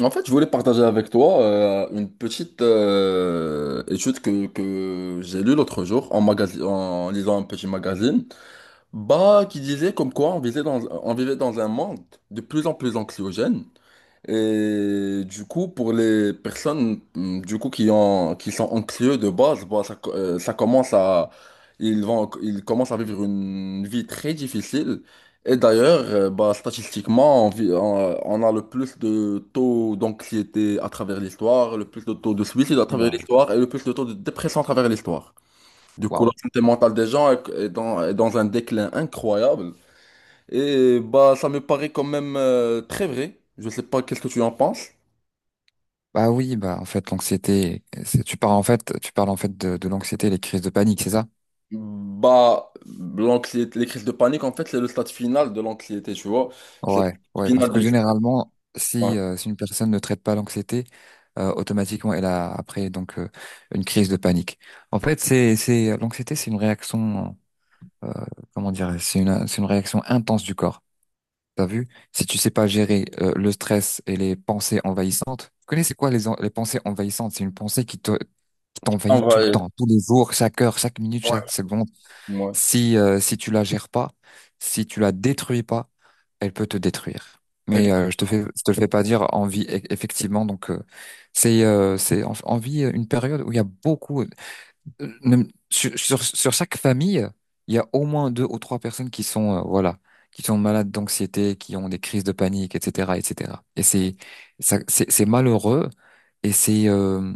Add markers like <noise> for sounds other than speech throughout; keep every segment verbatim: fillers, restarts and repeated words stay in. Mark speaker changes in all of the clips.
Speaker 1: En fait, je voulais partager avec toi euh, une petite euh, étude que, que j'ai lue l'autre jour en, magasi- en lisant un petit magazine, bah, qui disait comme quoi on vivait dans, on vivait dans un monde de plus en plus anxiogène et du coup, pour les personnes mm, du coup, qui ont, qui sont anxieux de base, bah, ça, co- euh, ça commence à, ils vont, ils commencent à vivre une vie très difficile. Et d'ailleurs, euh, bah, statistiquement, on, vit- on- on a le plus de taux d'anxiété à travers l'histoire, le plus de taux de suicide à travers
Speaker 2: Oula,
Speaker 1: l'histoire et le plus de taux de dépression à travers l'histoire. Du coup, la
Speaker 2: waouh.
Speaker 1: santé mentale des gens est est dans, est dans un déclin incroyable. Et bah, ça me paraît quand même euh, très vrai. Je sais pas qu'est-ce que tu en penses.
Speaker 2: Bah oui, bah en fait l'anxiété, c'est- tu parles en fait, tu parles en fait de, de l'anxiété, et les crises de panique, c'est ça?
Speaker 1: Bah, l'anxiété, les crises de panique, en fait, c'est le stade final de l'anxiété, tu vois. C'est le
Speaker 2: Ouais, ouais, parce
Speaker 1: final de.
Speaker 2: que généralement,
Speaker 1: Ouais.
Speaker 2: si euh, si une personne ne traite pas l'anxiété, euh, automatiquement elle a après donc euh, une crise de panique. En fait, c'est c'est l'anxiété, c'est une réaction, euh, comment dire, c'est une c'est une réaction intense du corps. T'as vu? Si tu sais pas gérer euh, le stress et les pensées envahissantes, tu connais c'est quoi les en- les pensées envahissantes? C'est une pensée qui te qui t'envahit tout le
Speaker 1: Envahir.
Speaker 2: temps, tous les jours, chaque heure, chaque minute,
Speaker 1: Ouais.
Speaker 2: chaque seconde.
Speaker 1: Ouais.
Speaker 2: Si, euh, si tu la gères pas, si tu la détruis pas, elle peut te détruire. Mais euh,
Speaker 1: Exact.
Speaker 2: je te fais, je te le fais pas dire envie, e- effectivement. Donc euh, c'est, euh, c'est en- en vie une période où il y a beaucoup, euh, même sur, sur, sur chaque famille, il y a au moins deux ou trois personnes qui sont, euh, voilà, qui sont malades d'anxiété, qui ont des crises de panique, et cetera, et cetera. Et cetera. Et c'est, ça, c'est c'est malheureux et c'est, euh,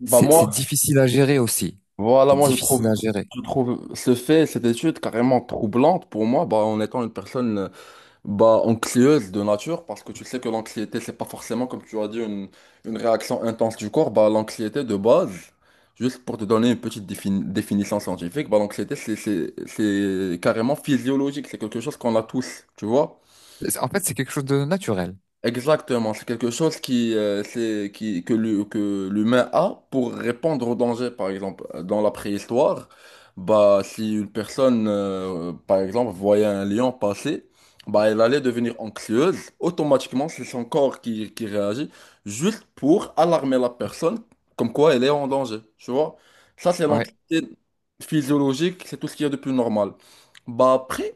Speaker 1: Bah,
Speaker 2: c'est,
Speaker 1: moi,
Speaker 2: c'est difficile à gérer aussi.
Speaker 1: voilà,
Speaker 2: C'est
Speaker 1: moi, je trouve,
Speaker 2: difficile à gérer.
Speaker 1: je trouve ce fait, cette étude carrément troublante pour moi, bah, en étant une personne. Bah, anxieuse de nature, parce que tu sais que l'anxiété, c'est pas forcément, comme tu as dit, une, une réaction intense du corps. Bah, l'anxiété de base, juste pour te donner une petite défini- définition scientifique, bah, l'anxiété, c'est c'est- c'est carrément physiologique, c'est quelque chose qu'on a tous, tu vois?
Speaker 2: C'est- En fait, c'est quelque chose de naturel.
Speaker 1: Exactement, c'est quelque chose qui, euh, c'est, qui, que l'hu- que l'humain a pour répondre au danger. Par exemple, euh, dans la préhistoire, bah, si une personne, euh, par exemple, voyait un lion passer, bah, elle allait devenir anxieuse. Automatiquement, c'est son corps qui, qui réagit juste pour alarmer la personne, comme quoi elle est en danger. Tu vois? Ça, c'est
Speaker 2: Ouais.
Speaker 1: l'anxiété physiologique, c'est tout ce qu'il y a de plus normal. Bah, après,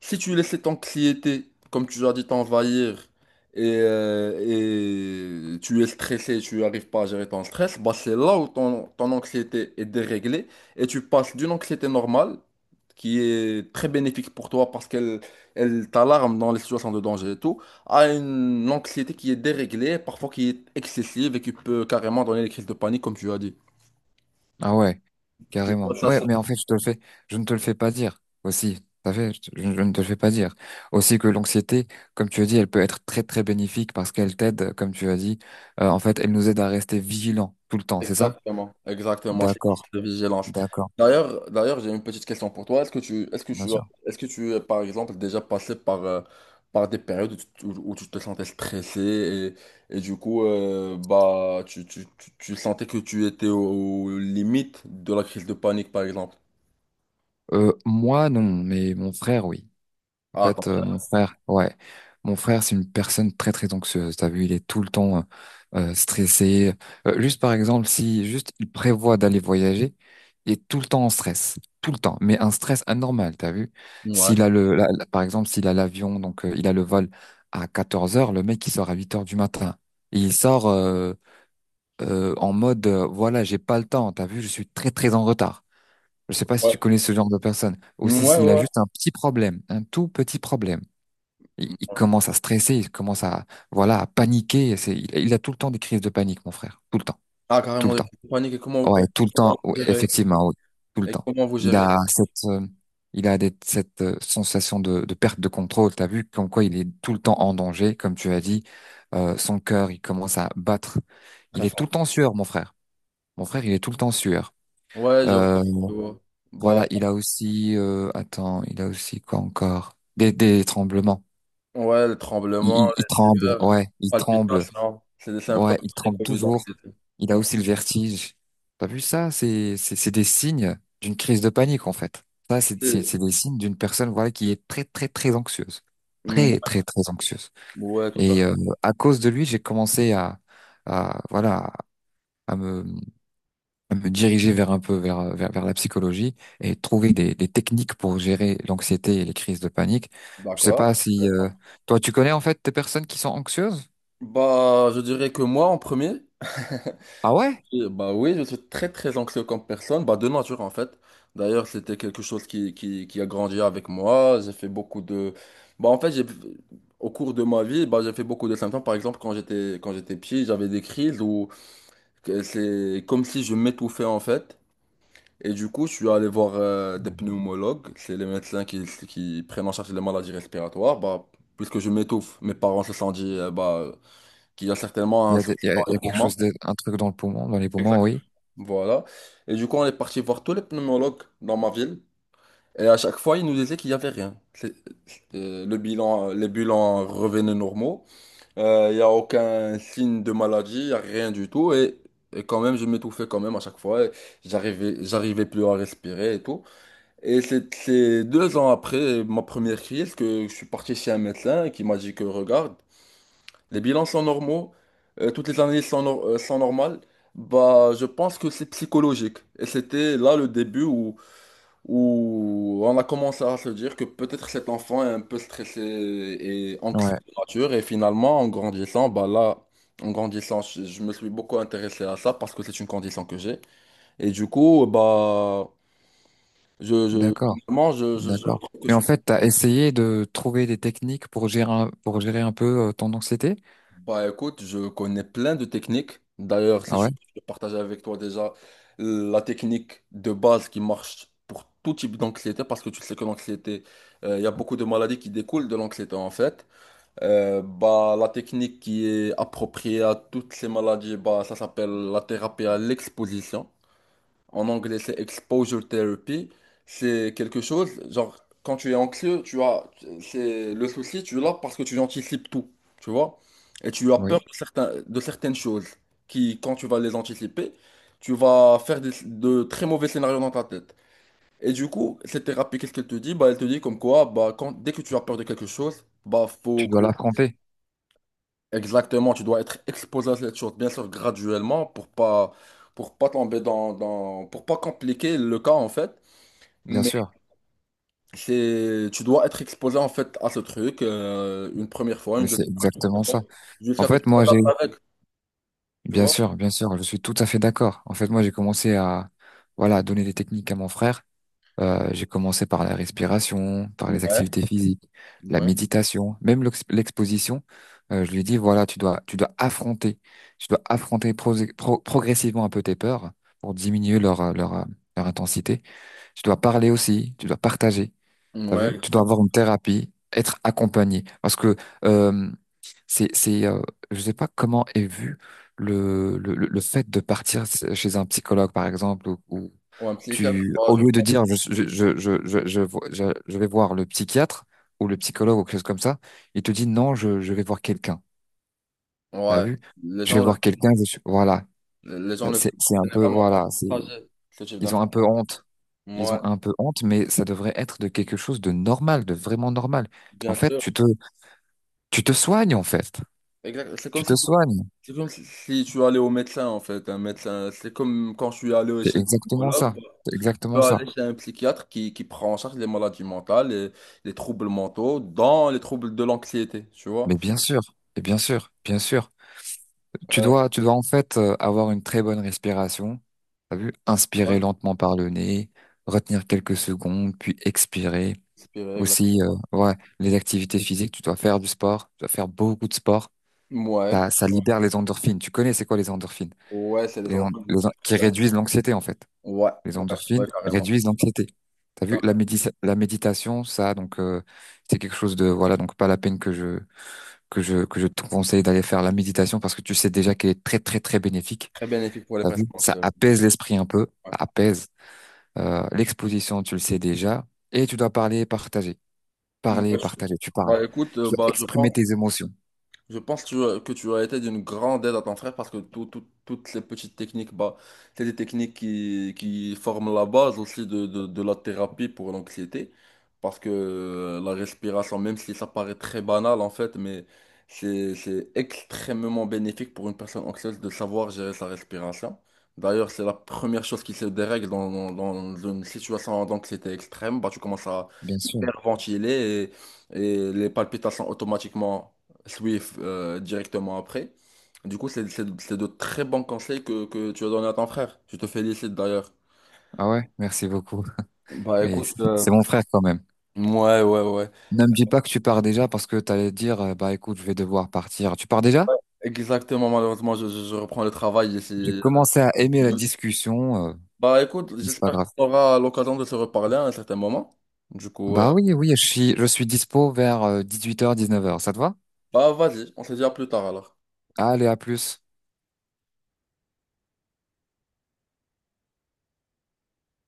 Speaker 1: si tu laisses cette anxiété, comme tu as dit, t'envahir, et, euh, et tu es stressé, tu n'arrives pas à gérer ton stress, bah c'est là où ton, ton anxiété est déréglée et tu passes d'une anxiété normale, qui est très bénéfique pour toi parce qu'elle elle t'alarme dans les situations de danger et tout, à une anxiété qui est déréglée, parfois qui est excessive et qui peut carrément donner des crises de panique, comme tu as dit.
Speaker 2: Ah ouais,
Speaker 1: Tu vois,
Speaker 2: carrément. Ouais,
Speaker 1: ça.
Speaker 2: mais en fait, je te le fais, je ne te le fais pas dire aussi. Ça fait, je, te- je ne te le fais pas dire. Aussi que l'anxiété, comme tu as dit, elle peut être très très bénéfique parce qu'elle t'aide, comme tu as dit. Euh, en fait, elle nous aide à rester vigilants tout le temps, c'est ça?
Speaker 1: Exactement, exactement, c'est
Speaker 2: D'accord,
Speaker 1: de vigilance.
Speaker 2: d'accord,
Speaker 1: D'ailleurs, d'ailleurs, j'ai une petite question pour toi. Est-ce que tu, est-ce que
Speaker 2: bien
Speaker 1: tu, as-
Speaker 2: sûr.
Speaker 1: est-ce que tu es, par exemple, déjà passé par, euh, par des périodes où tu, te- où tu te sentais stressé et, et du coup, euh, bah, tu, tu, tu, tu sentais que tu étais aux limites de la crise de panique, par exemple?
Speaker 2: Euh, moi, non, mais mon frère, oui. En
Speaker 1: Ah,
Speaker 2: fait, euh, mon
Speaker 1: attends.
Speaker 2: frère, ouais, mon frère, c'est une personne très très anxieuse. T'as vu, il est tout le temps euh, euh, stressé. Euh, juste par exemple, si juste il prévoit d'aller voyager, il est tout le temps en stress, tout le temps, mais un stress anormal. T'as vu?
Speaker 1: Ouais.
Speaker 2: S'il a le, la- la- par exemple, s'il a l'avion, donc euh, il a le vol à quatorze heures, le mec il sort à huit heures du matin. Et il sort euh, euh, en mode, euh, voilà, j'ai pas le temps. T'as vu, je suis très très en retard. Je sais pas si tu
Speaker 1: Ouais.
Speaker 2: connais ce genre de personne. Aussi,
Speaker 1: Ouais,
Speaker 2: s'il a
Speaker 1: ouais.
Speaker 2: juste un petit problème, un tout petit problème. Il, il commence à stresser, il commence à, voilà, à paniquer. C'est, il, il a tout le temps des crises de panique, mon frère. Tout le temps.
Speaker 1: Ah,
Speaker 2: Tout
Speaker 1: carrément,
Speaker 2: le
Speaker 1: les
Speaker 2: temps.
Speaker 1: crises de panique. Et comment,
Speaker 2: Ouais,
Speaker 1: et
Speaker 2: tout le
Speaker 1: comment
Speaker 2: temps.
Speaker 1: vous
Speaker 2: Ouais,
Speaker 1: gérez,
Speaker 2: effectivement, oui. Tout le
Speaker 1: et
Speaker 2: temps.
Speaker 1: comment vous
Speaker 2: Il
Speaker 1: gérez?
Speaker 2: a cette, euh, il a des- cette euh, sensation de, de perte de contrôle. T'as vu comme quoi il est tout le temps en danger, comme tu as dit. Euh, son cœur, il commence à battre. Il
Speaker 1: Très
Speaker 2: est tout
Speaker 1: fort.
Speaker 2: le temps en sueur, mon frère. Mon frère, il est tout le temps en sueur.
Speaker 1: Ouais, je vois,
Speaker 2: Euh,
Speaker 1: je vois. Bah.
Speaker 2: voilà, il a aussi, euh, attends, il a aussi quoi encore? Des, des tremblements.
Speaker 1: Ouais, le
Speaker 2: Il,
Speaker 1: tremblement,
Speaker 2: il, il
Speaker 1: les
Speaker 2: tremble,
Speaker 1: sueurs,
Speaker 2: ouais, il tremble.
Speaker 1: palpitations, c'est des symptômes
Speaker 2: Ouais, il
Speaker 1: très
Speaker 2: tremble
Speaker 1: connus
Speaker 2: toujours.
Speaker 1: d'anxiété.
Speaker 2: Il a
Speaker 1: Moi,
Speaker 2: aussi le vertige. T'as vu ça? C'est, c'est, c'est des signes d'une crise de panique, en fait. Ça, c'est, c'est,
Speaker 1: c'est-
Speaker 2: c'est des signes d'une personne, voilà, qui est très, très, très anxieuse. Très,
Speaker 1: moi-
Speaker 2: très, très anxieuse.
Speaker 1: ouais, tout à fait.
Speaker 2: Et euh, à cause de lui, j'ai commencé à, à, voilà, à me, à me diriger vers un peu vers, vers, vers la psychologie et trouver des, des techniques pour gérer l'anxiété et les crises de panique. Je sais
Speaker 1: D'accord.
Speaker 2: pas si euh, toi, tu connais en fait des personnes qui sont anxieuses?
Speaker 1: Bah, je dirais que moi, en premier, <laughs>
Speaker 2: Ah ouais?
Speaker 1: et bah oui, je suis très très anxieux comme personne, bah de nature en fait. D'ailleurs, c'était quelque chose qui, qui, qui a grandi avec moi. J'ai fait beaucoup de... Bah en fait, j'ai... au cours de ma vie, bah, j'ai fait beaucoup de symptômes. Par exemple, quand j'étais quand j'étais petit, j'avais des crises où que c'est comme si je m'étouffais en fait. Et du coup, je suis allé voir euh, des pneumologues, c'est les médecins qui, qui prennent en charge les maladies respiratoires. Bah, puisque je m'étouffe, mes parents se sont dit euh, bah, qu'il y a certainement
Speaker 2: Il y
Speaker 1: un
Speaker 2: a, des- il
Speaker 1: souci
Speaker 2: y a, il
Speaker 1: dans
Speaker 2: y a
Speaker 1: les
Speaker 2: quelque
Speaker 1: poumons.
Speaker 2: chose de, un truc dans le poumon, dans les poumons,
Speaker 1: Exact.
Speaker 2: oui.
Speaker 1: Voilà. Et du coup, on est parti voir tous les pneumologues dans ma ville. Et à chaque fois, ils nous disaient qu'il n'y avait rien. C'est- euh, le bilan, les bilans revenaient normaux. Euh, Il n'y a aucun signe de maladie, il n'y a rien du tout. Et, et quand même, je m'étouffais quand même à chaque fois. Et J'arrivais, j'arrivais plus à respirer et tout. Et c'est c'est deux ans après ma première crise que je suis parti chez un médecin qui m'a dit que regarde, les bilans sont normaux, euh, toutes les analyses sont, nor- euh, sont normales. Bah, je pense que c'est psychologique. Et c'était là le début où, où on a commencé à se dire que peut-être cet enfant est un peu stressé et anxieux
Speaker 2: Ouais,
Speaker 1: de nature. Et finalement, en grandissant, bah là, en grandissant, je, je me suis beaucoup intéressé à ça parce que c'est une condition que j'ai. Et du coup, bah, je, je,
Speaker 2: d'accord,
Speaker 1: finalement, je, je je
Speaker 2: d'accord.
Speaker 1: trouve que
Speaker 2: Mais
Speaker 1: je
Speaker 2: en
Speaker 1: suis.
Speaker 2: fait, t'as essayé de trouver des techniques pour gérer un, pour gérer un peu euh, ton anxiété?
Speaker 1: Bah écoute, je connais plein de techniques. D'ailleurs, si
Speaker 2: Ah
Speaker 1: je
Speaker 2: ouais?
Speaker 1: peux partager avec toi déjà la technique de base qui marche pour tout type d'anxiété, parce que tu sais que l'anxiété, euh, il y a beaucoup de maladies qui découlent de l'anxiété en fait. Euh, bah, la technique qui est appropriée à toutes ces maladies, bah, ça s'appelle la thérapie à l'exposition. En anglais, c'est exposure therapy. C'est quelque chose, genre, quand tu es anxieux, tu as, c'est le souci, tu l'as parce que tu anticipes tout, tu vois? Et tu as
Speaker 2: Oui.
Speaker 1: peur de certains, de certaines choses qui, quand tu vas les anticiper, tu vas faire des- de très mauvais scénarios dans ta tête. Et du coup, cette thérapie, qu'est-ce qu'elle te dit? Bah, elle te dit comme quoi, bah, quand, dès que tu as peur de quelque chose, bah, faut
Speaker 2: Tu
Speaker 1: que,
Speaker 2: dois l'affronter,
Speaker 1: exactement, tu dois être exposé à cette chose, bien sûr, graduellement, pour pas, pour pas tomber dans, dans, pour pas compliquer le cas, en fait.
Speaker 2: bien
Speaker 1: Mais
Speaker 2: sûr.
Speaker 1: c'est, tu dois être exposé en fait à ce truc euh, une première fois,
Speaker 2: Mais
Speaker 1: une
Speaker 2: c'est
Speaker 1: deuxième
Speaker 2: exactement
Speaker 1: fois,
Speaker 2: ça. En
Speaker 1: jusqu'à ce que
Speaker 2: fait,
Speaker 1: tu
Speaker 2: moi, j'ai,
Speaker 1: t'adaptes avec, tu
Speaker 2: bien
Speaker 1: vois?
Speaker 2: sûr, bien sûr, je suis tout à fait d'accord. En fait, moi, j'ai commencé à, voilà, donner des techniques à mon frère. Euh, j'ai commencé par la respiration, par les
Speaker 1: Ouais,
Speaker 2: activités physiques, la
Speaker 1: ouais,
Speaker 2: méditation, même l'ex- l'exposition. Euh, je lui ai dit, voilà, tu dois, tu dois affronter, tu dois affronter pro- pro- progressivement un peu tes peurs pour diminuer leur, euh, leur, euh, leur intensité. Tu dois parler aussi, tu dois partager. T'as
Speaker 1: ouais,
Speaker 2: vu? Tu dois
Speaker 1: exactement.
Speaker 2: avoir une thérapie, être accompagné. Parce que euh, c'est, c'est, euh, je sais pas comment est vu le, le, le le fait de partir chez un psychologue, par exemple, ou, ou
Speaker 1: Ou un psychiatre,
Speaker 2: tu,
Speaker 1: ouais,
Speaker 2: au
Speaker 1: je
Speaker 2: lieu de
Speaker 1: pense.
Speaker 2: dire je, je, je, je, je, je vo- je- je vais voir le psychiatre ou le psychologue ou quelque chose comme ça, il te dit non, je, je vais voir quelqu'un. T'as
Speaker 1: Ouais,
Speaker 2: vu?
Speaker 1: les
Speaker 2: Je vais
Speaker 1: gens,
Speaker 2: voir quelqu'un, je suis- voilà.
Speaker 1: les
Speaker 2: Ça,
Speaker 1: gens ne
Speaker 2: C'est, c'est un peu,
Speaker 1: généralement pas
Speaker 2: voilà, c'est,
Speaker 1: partager ce type
Speaker 2: ils ont un
Speaker 1: d'informations.
Speaker 2: peu honte. Ils
Speaker 1: Ouais,
Speaker 2: ont un peu honte, mais ça devrait être de quelque chose de normal, de vraiment normal.
Speaker 1: bien
Speaker 2: En fait,
Speaker 1: sûr.
Speaker 2: tu te, tu te soignes, en fait.
Speaker 1: Exact. C'est comme
Speaker 2: Tu
Speaker 1: si,
Speaker 2: te soignes.
Speaker 1: c'est comme si, si tu allais au médecin en fait, un médecin. C'est comme quand je suis allé
Speaker 2: C'est
Speaker 1: chez le
Speaker 2: exactement
Speaker 1: pneumologue.
Speaker 2: ça. C'est
Speaker 1: Peux
Speaker 2: exactement ça.
Speaker 1: aller chez un psychiatre qui, qui prend en charge les maladies mentales, et les troubles mentaux, dans les troubles de l'anxiété, tu vois.
Speaker 2: Mais bien sûr, et bien sûr, bien sûr. Tu
Speaker 1: Euh,
Speaker 2: dois, tu dois en fait euh, avoir une très bonne respiration. T'as vu?
Speaker 1: ouais,
Speaker 2: Inspirer lentement par le nez, retenir quelques secondes, puis expirer.
Speaker 1: inspiré, exact.
Speaker 2: Aussi, euh, ouais, les activités physiques, tu dois faire du sport, tu dois faire beaucoup de sport.
Speaker 1: Ouais.
Speaker 2: Ça, ça
Speaker 1: Ouais,
Speaker 2: libère les endorphines. Tu connais c'est quoi les endorphines?
Speaker 1: ouais, c'est les
Speaker 2: Les en-
Speaker 1: enfants qui...
Speaker 2: les
Speaker 1: qui-
Speaker 2: en- qui réduisent l'anxiété, en fait.
Speaker 1: ouais,
Speaker 2: Les
Speaker 1: ouais,
Speaker 2: endorphines
Speaker 1: ouais, carrément.
Speaker 2: réduisent l'anxiété. T'as vu, la
Speaker 1: Carrément.
Speaker 2: médi- la méditation, ça, donc euh, c'est quelque chose de voilà, donc pas la peine que je que je que je te conseille d'aller faire la méditation parce que tu sais déjà qu'elle est très très très bénéfique.
Speaker 1: Très bénéfique pour les
Speaker 2: T'as
Speaker 1: personnes
Speaker 2: vu, ça
Speaker 1: anxieuses.
Speaker 2: apaise l'esprit un peu,
Speaker 1: Ouais.
Speaker 2: ça apaise. Euh, l'exposition, tu le sais déjà, et tu dois parler et partager,
Speaker 1: Ouais,
Speaker 2: parler et
Speaker 1: je-.
Speaker 2: partager. Tu parles,
Speaker 1: Bah écoute,
Speaker 2: tu
Speaker 1: euh,
Speaker 2: dois
Speaker 1: bah, je
Speaker 2: exprimer
Speaker 1: pense.
Speaker 2: tes émotions,
Speaker 1: Je pense que tu as, que tu as été d'une grande aide à ton frère parce que tout- tout- toutes les petites techniques, bah, c'est des techniques qui, qui forment la base aussi de, de- de la thérapie pour l'anxiété. Parce que euh, la respiration, même si ça paraît très banal en fait, mais c'est, c'est extrêmement bénéfique pour une personne anxieuse de savoir gérer sa respiration. D'ailleurs, c'est la première chose qui se dérègle dans, dans- dans une situation d'anxiété extrême. Bah, tu commences à
Speaker 2: bien sûr.
Speaker 1: hyperventiler et, et les palpitations automatiquement. Swift euh, directement après. Du coup, c'est c'est- c'est de très bons conseils que, que tu as donné à ton frère. Je te félicite d'ailleurs.
Speaker 2: Ah ouais, merci beaucoup.
Speaker 1: Bah
Speaker 2: Mais
Speaker 1: écoute,
Speaker 2: c'est
Speaker 1: euh,
Speaker 2: c'est mon frère quand même.
Speaker 1: ouais, ouais, ouais.
Speaker 2: Ne me dis pas que tu pars déjà parce que t'allais dire, euh, bah écoute, je vais devoir partir. Tu pars déjà?
Speaker 1: Exactement, malheureusement, je, je- je reprends le travail
Speaker 2: J'ai
Speaker 1: ici.
Speaker 2: commencé à aimer la discussion, euh,
Speaker 1: Bah écoute,
Speaker 2: mais c'est pas
Speaker 1: j'espère
Speaker 2: grave.
Speaker 1: qu'on aura l'occasion de se reparler à un certain moment. Du coup, euh,
Speaker 2: Bah oui, oui, je suis, je suis dispo vers dix-huit heures, dix-neuf heures. Ça te va?
Speaker 1: bah vas-y, on se dit à plus tard alors.
Speaker 2: Allez, à plus.